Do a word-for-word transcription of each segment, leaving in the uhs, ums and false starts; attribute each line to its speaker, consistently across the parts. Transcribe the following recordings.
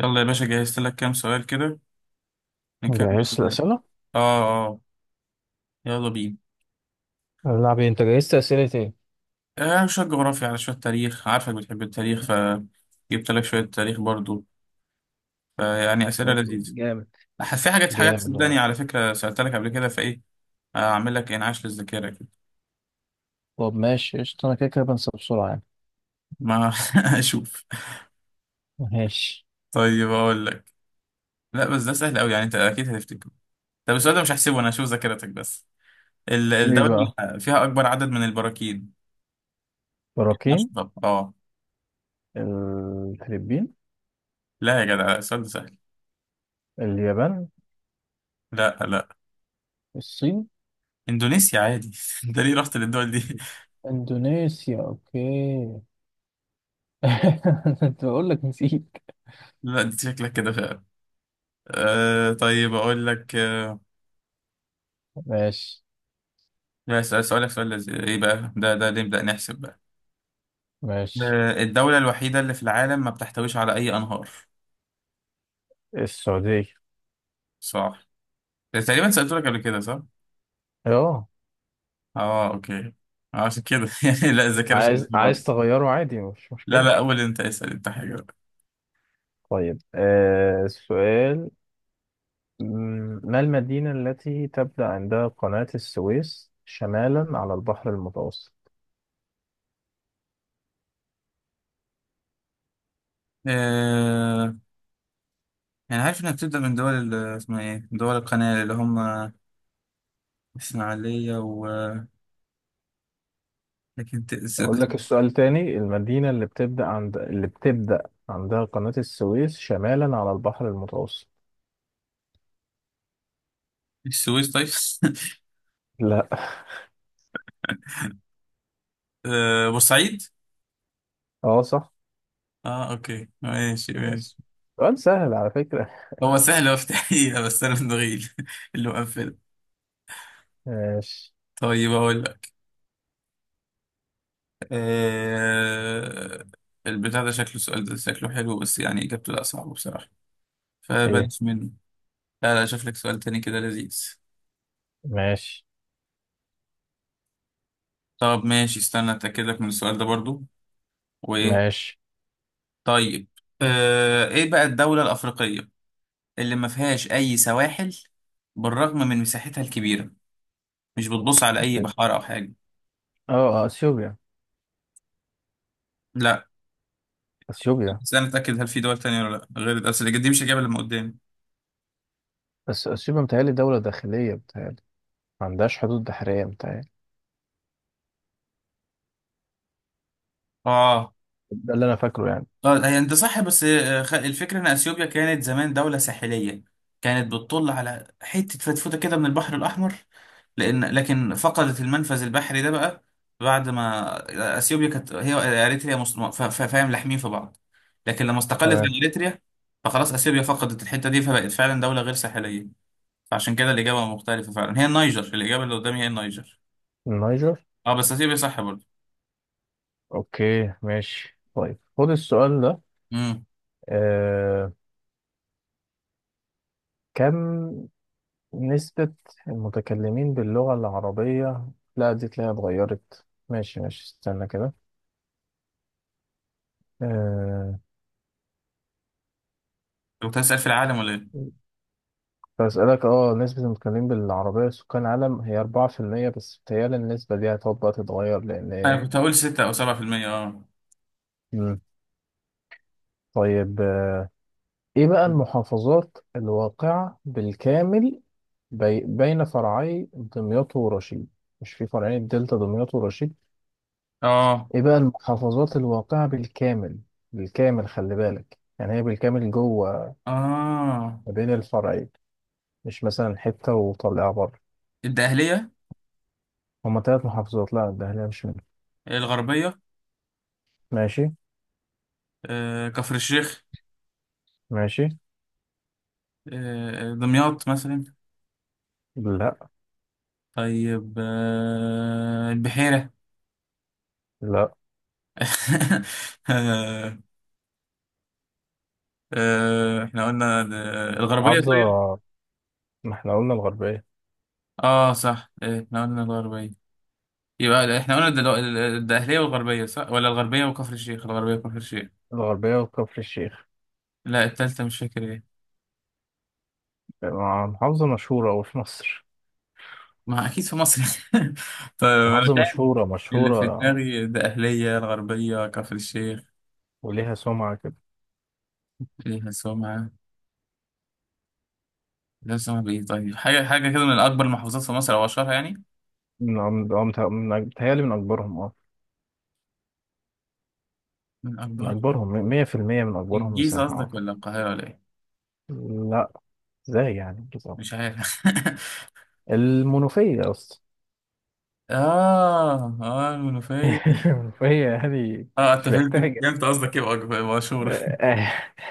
Speaker 1: يلا يا باشا، جهزت لك كام سؤال كده. نكمل.
Speaker 2: جهزت الأسئلة؟
Speaker 1: اه، اه. يلا بينا.
Speaker 2: نلعب إيه؟ أنت جهزت أسئلة إيه؟
Speaker 1: آه شوية جغرافيا على شوية تاريخ، عارفك بتحب التاريخ فجبت لك شوية تاريخ برضو، فيعني أسئلة
Speaker 2: طب،
Speaker 1: لذيذة.
Speaker 2: جامد.
Speaker 1: أح- في حاجات حاجات
Speaker 2: جامد والله.
Speaker 1: صدقني، على فكرة سألت لك قبل كده فإيه. آه، أعمل لك إنعاش للذاكرة كده.
Speaker 2: طب ماشي قشطة، أنا كده كده بنسى بسرعة يعني.
Speaker 1: ما أشوف.
Speaker 2: ماشي.
Speaker 1: طيب أقول لك. لا بس ده سهل أوي يعني، أنت أكيد هتفتكره. طب السؤال ده مش هحسبه، أنا هشوف ذاكرتك بس. ال-
Speaker 2: إيه
Speaker 1: الدولة
Speaker 2: بقى؟
Speaker 1: اللي فيها أكبر عدد من البراكين.
Speaker 2: براكين.
Speaker 1: أشطب أه.
Speaker 2: الفلبين.
Speaker 1: لا يا جدع، السؤال ده سهل.
Speaker 2: اليابان.
Speaker 1: لا، لا.
Speaker 2: الصين.
Speaker 1: اندونيسيا عادي انت ليه رحت للدول دي؟
Speaker 2: إندونيسيا أوكي. أنت بقول لك نسيت.
Speaker 1: لا انت شكلك كده فعلا. آه طيب اقول لك. آه
Speaker 2: ماشي،
Speaker 1: لا سؤال سؤالك سؤال لذيذ. ايه بقى، ده ده ليه؟ نبدأ نحسب بقى.
Speaker 2: ماشي.
Speaker 1: آه الدولة الوحيدة اللي في العالم ما بتحتويش على اي انهار.
Speaker 2: السعودية.
Speaker 1: صح. إيه، تقريبا سألت لك قبل كده، صح؟
Speaker 2: أه.
Speaker 1: اه، اوكي. آه، عشان كده يعني، لا الذاكرة شغالة
Speaker 2: عايز عايز
Speaker 1: برضه.
Speaker 2: تغيره، عادي، مش
Speaker 1: لا،
Speaker 2: مشكلة.
Speaker 1: لا، اول انت اسأل انت حاجة بقى.
Speaker 2: طيب آه، السؤال. مم، ما المدينة التي تبدأ عندها قناة السويس شمالا على البحر المتوسط؟
Speaker 1: آه يعني عارف انها بتبدأ من دول ال- اسمها ايه دول القناة اللي هم اسماعيلية و لكن ت- الس-
Speaker 2: أقول لك السؤال تاني. المدينة اللي بتبدأ عند اللي بتبدأ عندها قناة السويس شمالا على البحر المتوسط.
Speaker 1: السويس طيب.
Speaker 2: لا.
Speaker 1: آه، بورسعيد.
Speaker 2: اه صح.
Speaker 1: اه، اوكي، ماشي،
Speaker 2: بس
Speaker 1: ماشي.
Speaker 2: سؤال سهل على فكرة.
Speaker 1: هو سهل افتحيها، بس انا من دغيل اللي مقفله.
Speaker 2: ماشي.
Speaker 1: طيب اقول لك. آه... البتاع ده شكله سؤال، ده شكله حلو، بس يعني اجابته لا صعبه بصراحه،
Speaker 2: ايه؟
Speaker 1: فبلاش منه. لا، لا، اشوف لك سؤال تاني كده لذيذ.
Speaker 2: ماشي،
Speaker 1: طب ماشي، استنى اتاكد لك من السؤال ده برضو. وايه.
Speaker 2: ماشي.
Speaker 1: طيب. آه... ايه بقى الدوله الافريقيه اللي ما فيهاش اي سواحل، بالرغم من مساحتها الكبيره، مش بتبص على اي بحار او حاجه.
Speaker 2: اه، اثيوبيا.
Speaker 1: لا
Speaker 2: اثيوبيا.
Speaker 1: بس انا اتاكد، هل في دول تانية ولا لا؟ غير الاسئله دي مش الاجابه اللي قدامي.
Speaker 2: بس اثيوبيا متهيألي دولة داخلية، متهيألي ما عندهاش حدود بحرية متهيألي.
Speaker 1: اه،
Speaker 2: ده اللي انا فاكره يعني.
Speaker 1: طيب هي انت صح، بس آه، خ- الفكره ان اثيوبيا كانت زمان دوله ساحليه، كانت بتطل على حته فتفوته كده من البحر الاحمر، لان لكن فقدت المنفذ البحري ده بقى بعد ما آه، اثيوبيا كانت هي، آه، اريتريا مس- ف- ف- فاهم لاحمين في بعض. لكن لما استقلت عن
Speaker 2: تمام.
Speaker 1: اريتريا، فخلاص اثيوبيا فقدت الحته دي فبقت فعلا دوله غير ساحليه. فعشان كده الاجابه مختلفه، فعلا هي النيجر، الاجابه اللي قدامي هي النيجر.
Speaker 2: النيجر.
Speaker 1: اه بس اثيوبيا صح برضه.
Speaker 2: اوكي ماشي، طيب خد السؤال ده.
Speaker 1: امم
Speaker 2: آه، كم نسبة المتكلمين باللغة العربية؟ لا دي تلاقيها اتغيرت، ماشي ماشي استنى كده. آه،
Speaker 1: كنت هسأل، في العالم ولا ايه؟
Speaker 2: بسألك اه، نسبة المتكلمين بالعربية سكان العالم هي أربعة في المية، بس بتهيألي النسبة دي هتقعد بقى تتغير
Speaker 1: انا
Speaker 2: لأن...
Speaker 1: كنت هقول ستة او سبعة في المية اه،
Speaker 2: مم. طيب آه، ايه بقى المحافظات الواقعة بالكامل بي... بين فرعي دمياط ورشيد؟ مش في فرعين الدلتا، دمياط ورشيد؟
Speaker 1: اه،
Speaker 2: ايه بقى المحافظات الواقعة بالكامل، بالكامل خلي بالك، يعني هي بالكامل جوه
Speaker 1: اه.
Speaker 2: ما بين الفرعين، مش مثلا حتة وطلعها بره.
Speaker 1: الدقهلية.
Speaker 2: هما تلات محافظات. لا، الدهلية مش منهم.
Speaker 1: الغربية.
Speaker 2: ماشي.
Speaker 1: آه. كفر الشيخ.
Speaker 2: ماشي.
Speaker 1: آه. دمياط مثلا.
Speaker 2: لا،
Speaker 1: طيب آه. البحيرة.
Speaker 2: لا.
Speaker 1: آه. آه. احنا قلنا د- الغربية
Speaker 2: محافظة.
Speaker 1: طيب.
Speaker 2: ما احنا قلنا الغربية.
Speaker 1: اه صح، آه، احنا قلنا الغربية. يبقى احنا قلنا دلو... ال- ال- الدقهلية والغربية، صح؟ ولا الغربية وكفر الشيخ؟ الغربية وكفر الشيخ.
Speaker 2: الغربية وكفر الشيخ.
Speaker 1: لا التالتة مش فاكر ايه.
Speaker 2: محافظة مشهورة أوي في مصر.
Speaker 1: ما اكيد في مصر. طيب انا
Speaker 2: محافظة مشهورة،
Speaker 1: اللي في
Speaker 2: مشهورة.
Speaker 1: دماغي ده أهلية الغربية كفر الشيخ.
Speaker 2: وليها سمعة كده.
Speaker 1: فيها سمعة. ده سمعة بإيه؟ طيب حاجة حاجة كده، من أكبر المحافظات في مصر أو أشهرها يعني.
Speaker 2: من من متهيألي من أك- متهيألي من أكبرهم اه.
Speaker 1: من
Speaker 2: من
Speaker 1: أكبر.
Speaker 2: أكبرهم مية في المية. من أكبرهم
Speaker 1: الجيزة
Speaker 2: مساحة
Speaker 1: قصدك
Speaker 2: أعتقد.
Speaker 1: ولا القاهرة ولا إيه؟
Speaker 2: لا. ازاي يعني؟
Speaker 1: مش عارف
Speaker 2: المنوفية يا اسطى.
Speaker 1: آه آه المنوفية.
Speaker 2: فهي يعني،
Speaker 1: آه أنت
Speaker 2: مش
Speaker 1: فهمتك
Speaker 2: محتاجة.
Speaker 1: فهمت قصدك، إيه بأكبر- مشهورة.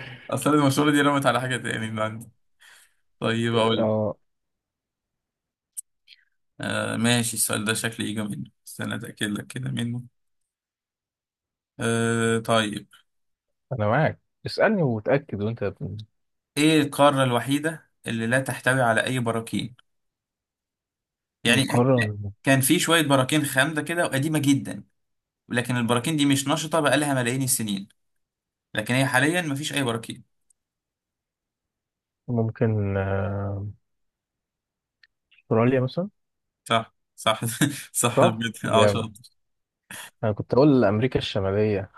Speaker 1: أصل المشهورة دي رمت على حاجة تاني من عندي. طيب أقول لك.
Speaker 2: اه،
Speaker 1: آه ماشي، السؤال ده شكلي يجي منه، استنى أتأكد لك كده منه. آه طيب.
Speaker 2: انا معاك. اسألني وتأكد، وانت بت-
Speaker 1: إيه القارة الوحيدة اللي لا تحتوي على أي براكين؟ يعني
Speaker 2: القارة.
Speaker 1: كان في شوية براكين خامدة كده وقديمة جدا، لكن البراكين دي مش نشطة بقالها ملايين السنين، لكن هي حاليا مفيش أي براكين.
Speaker 2: ممكن آه، أستراليا مثلا.
Speaker 1: صح، صح. صح
Speaker 2: صح،
Speaker 1: بجد، اه
Speaker 2: جامد.
Speaker 1: شاطر.
Speaker 2: انا كنت اقول امريكا الشمالية.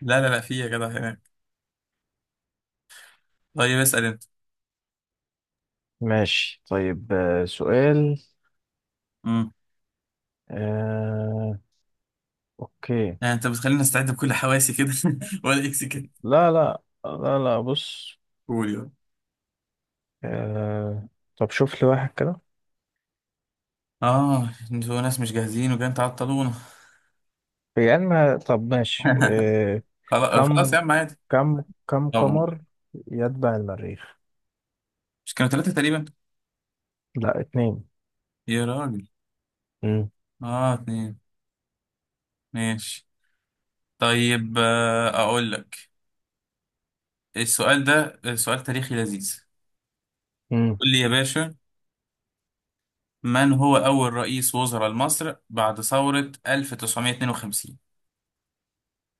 Speaker 1: لا، لا، لا، في يا جدع هناك. طيب اسأل أنت.
Speaker 2: ماشي طيب آه، سؤال.
Speaker 1: امم
Speaker 2: آه، أوكي.
Speaker 1: يعني أنت بتخليني أستعد بكل حواسي كده ولا إكس كده؟
Speaker 2: لا لا لا لا، بص.
Speaker 1: قول يلا.
Speaker 2: آه، طب شوف لي واحد كده.
Speaker 1: آه أنتوا ناس مش جاهزين وجايين تعطلونا.
Speaker 2: يعني ما طب ماشي إيه...
Speaker 1: خلاص، خلاص
Speaker 2: كم
Speaker 1: يا عم، عادي.
Speaker 2: كم كم
Speaker 1: طب قول.
Speaker 2: قمر يتبع المريخ؟
Speaker 1: مش كانوا ثلاثة تقريبا؟
Speaker 2: لا، اتنين.
Speaker 1: يا راجل.
Speaker 2: مم.
Speaker 1: اه، اتنين. ماشي. طيب، آه، أقول لك. السؤال ده سؤال تاريخي لذيذ.
Speaker 2: امم
Speaker 1: قول لي يا باشا. من هو أول رئيس وزراء لمصر بعد ثورة ألف وتسعمية اتنين وخمسين؟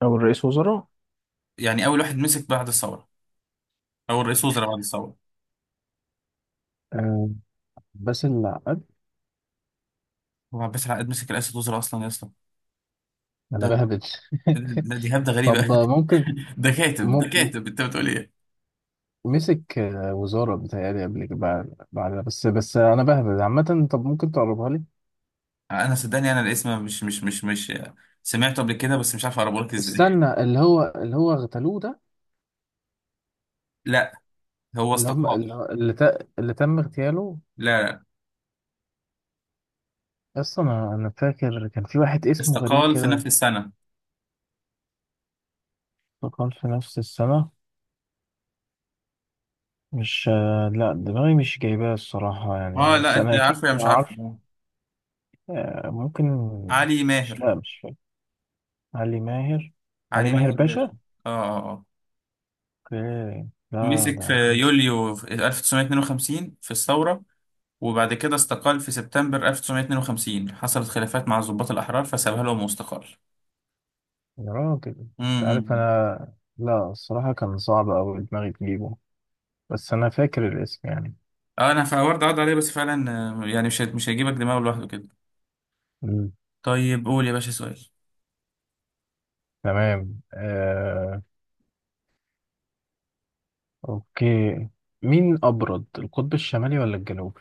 Speaker 2: او الرئيس وزراء.
Speaker 1: يعني أول واحد مسك بعد الثورة، أول رئيس وزراء بعد الثورة.
Speaker 2: آه، بس العقد.
Speaker 1: هو عباس العقاد مسك رئاسة وزراء أصلا يا اسطى؟
Speaker 2: انا
Speaker 1: ده
Speaker 2: بهبد.
Speaker 1: ده دي هبدة غريبة.
Speaker 2: طب ممكن.
Speaker 1: ده كاتب
Speaker 2: مم...
Speaker 1: ده كاتب، أنت بتقول إيه؟
Speaker 2: مسك آه، وزارة بتهيألي قبل كده، بعد بعدها، بس بس انا بهبد عامة. طب ممكن تقربها لي.
Speaker 1: أنا صدقني، أنا الاسم مش مش مش مش سمعته قبل كده، بس مش عارف أقربه لك إزاي.
Speaker 2: استنى، اللي هو اللي هو اغتالوه ده.
Speaker 1: لا، هو
Speaker 2: اللي هم
Speaker 1: استقال.
Speaker 2: اللي اللي, ت... اللي تم اغتياله.
Speaker 1: لا، لا،
Speaker 2: اصلا انا أنا فاكر كان في واحد اسمه غريب.
Speaker 1: استقال في نفس السنة.
Speaker 2: تقال في نفس السنة. مش آه، لا دماغي مش جايباه الصراحة
Speaker 1: اه،
Speaker 2: يعني،
Speaker 1: لا
Speaker 2: بس
Speaker 1: انت
Speaker 2: أنا أكيد
Speaker 1: عارفه يا مش عارفه.
Speaker 2: عارف.
Speaker 1: آه،
Speaker 2: آه، ممكن.
Speaker 1: علي
Speaker 2: مش،
Speaker 1: ماهر.
Speaker 2: لا مش فاكر. علي ماهر. علي
Speaker 1: علي
Speaker 2: ماهر
Speaker 1: ماهر باشا.
Speaker 2: باشا.
Speaker 1: اه. اه، اه.
Speaker 2: أوكي، لا
Speaker 1: مسك في
Speaker 2: ده.
Speaker 1: يوليو في ألف وتسعمية اتنين وخمسين في الثورة، وبعد كده استقال في سبتمبر ألف وتسعمية اتنين وخمسين، حصلت خلافات مع الضباط الأحرار فسابها لهم واستقال.
Speaker 2: يا راجل أنت. عارف
Speaker 1: امم
Speaker 2: أنا، لا الصراحة كان صعب أوي دماغي تجيبه. بس أنا فاكر الاسم يعني.
Speaker 1: اه انا فورد عض عليه بس فعلا. آه، يعني مش هي- مش هيجيبك دماغه لوحده كده.
Speaker 2: مم.
Speaker 1: طيب قول يا باشا سؤال.
Speaker 2: تمام آه... أوكي. مين أبرد، القطب الشمالي ولا الجنوبي؟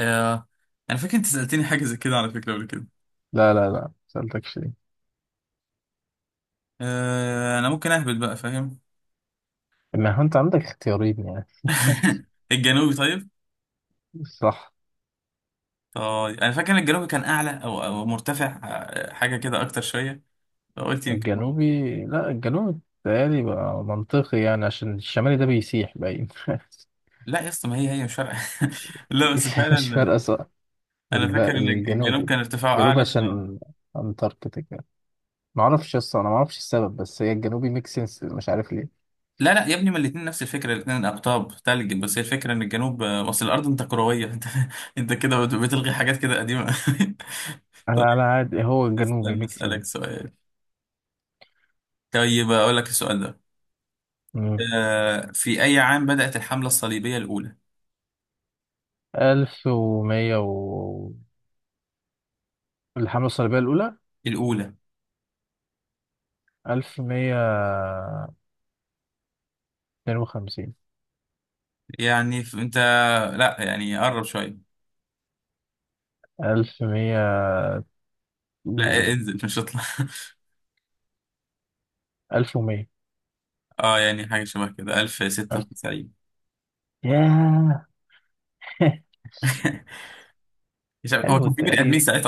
Speaker 1: آه انا فاكر انت سألتني حاجة زي كده على فكرة قبل كده.
Speaker 2: لا لا لا، مسألتكش دي.
Speaker 1: آه انا ممكن اهبط بقى، فاهم؟
Speaker 2: ما هو أنت عندك اختيارين يعني.
Speaker 1: الجنوبي طيب.
Speaker 2: صح.
Speaker 1: طيب انا فاكر ان الجنوبي كان اعلى او او مرتفع، آه، حاجة كده اكتر شوية. قلت يمكن هو.
Speaker 2: الجنوبي، لا الجنوبي بيتهيألي بقى منطقي يعني عشان الشمالي ده بيسيح باين.
Speaker 1: لا يا اسطى، ما هي هي مش فارقه. لا بس
Speaker 2: مش، مش
Speaker 1: فعلا.
Speaker 2: فارقة صح.
Speaker 1: انا
Speaker 2: الب-
Speaker 1: فاكر ان الجنوب
Speaker 2: الجنوبي.
Speaker 1: كان ارتفاعه
Speaker 2: الجنوبي
Speaker 1: اعلى. ف...
Speaker 2: عشان أنتاركتيكا. معرفش أصلا، أنا معرفش السبب، بس هي الجنوبي ميك سنس، مش عارف ليه.
Speaker 1: لا، لا يا ابني، ما الاثنين نفس الفكره، الاثنين اقطاب ثلج، بس هي الفكره ان الجنوب اصل الارض انت كرويه انت انت كده بت- بتلغي حاجات كده قديمه.
Speaker 2: على
Speaker 1: طيب
Speaker 2: على عادي، هو الجنوبي
Speaker 1: استنى
Speaker 2: ميك
Speaker 1: اسالك
Speaker 2: سنس.
Speaker 1: سؤال. طيب اقول لك السؤال ده.
Speaker 2: مم.
Speaker 1: آه، في اي عام بدات الحمله الصليبيه الاولى؟
Speaker 2: ألف ومية و... الحملة الصليبية الأولى.
Speaker 1: الاولى.
Speaker 2: ألف مية اتنين وخمسين.
Speaker 1: يعني ف- انت. لا يعني قرب شويه.
Speaker 2: ألف مية
Speaker 1: لا
Speaker 2: و...
Speaker 1: انزل مش اطلع.
Speaker 2: ألف ومية.
Speaker 1: اه يعني حاجه شبه كده،
Speaker 2: ألف.
Speaker 1: ألف ستة وتسعين.
Speaker 2: ياه.
Speaker 1: مش عارف- هو
Speaker 2: حلو
Speaker 1: كان في بني ادمين
Speaker 2: التقريب.
Speaker 1: ساعتها؟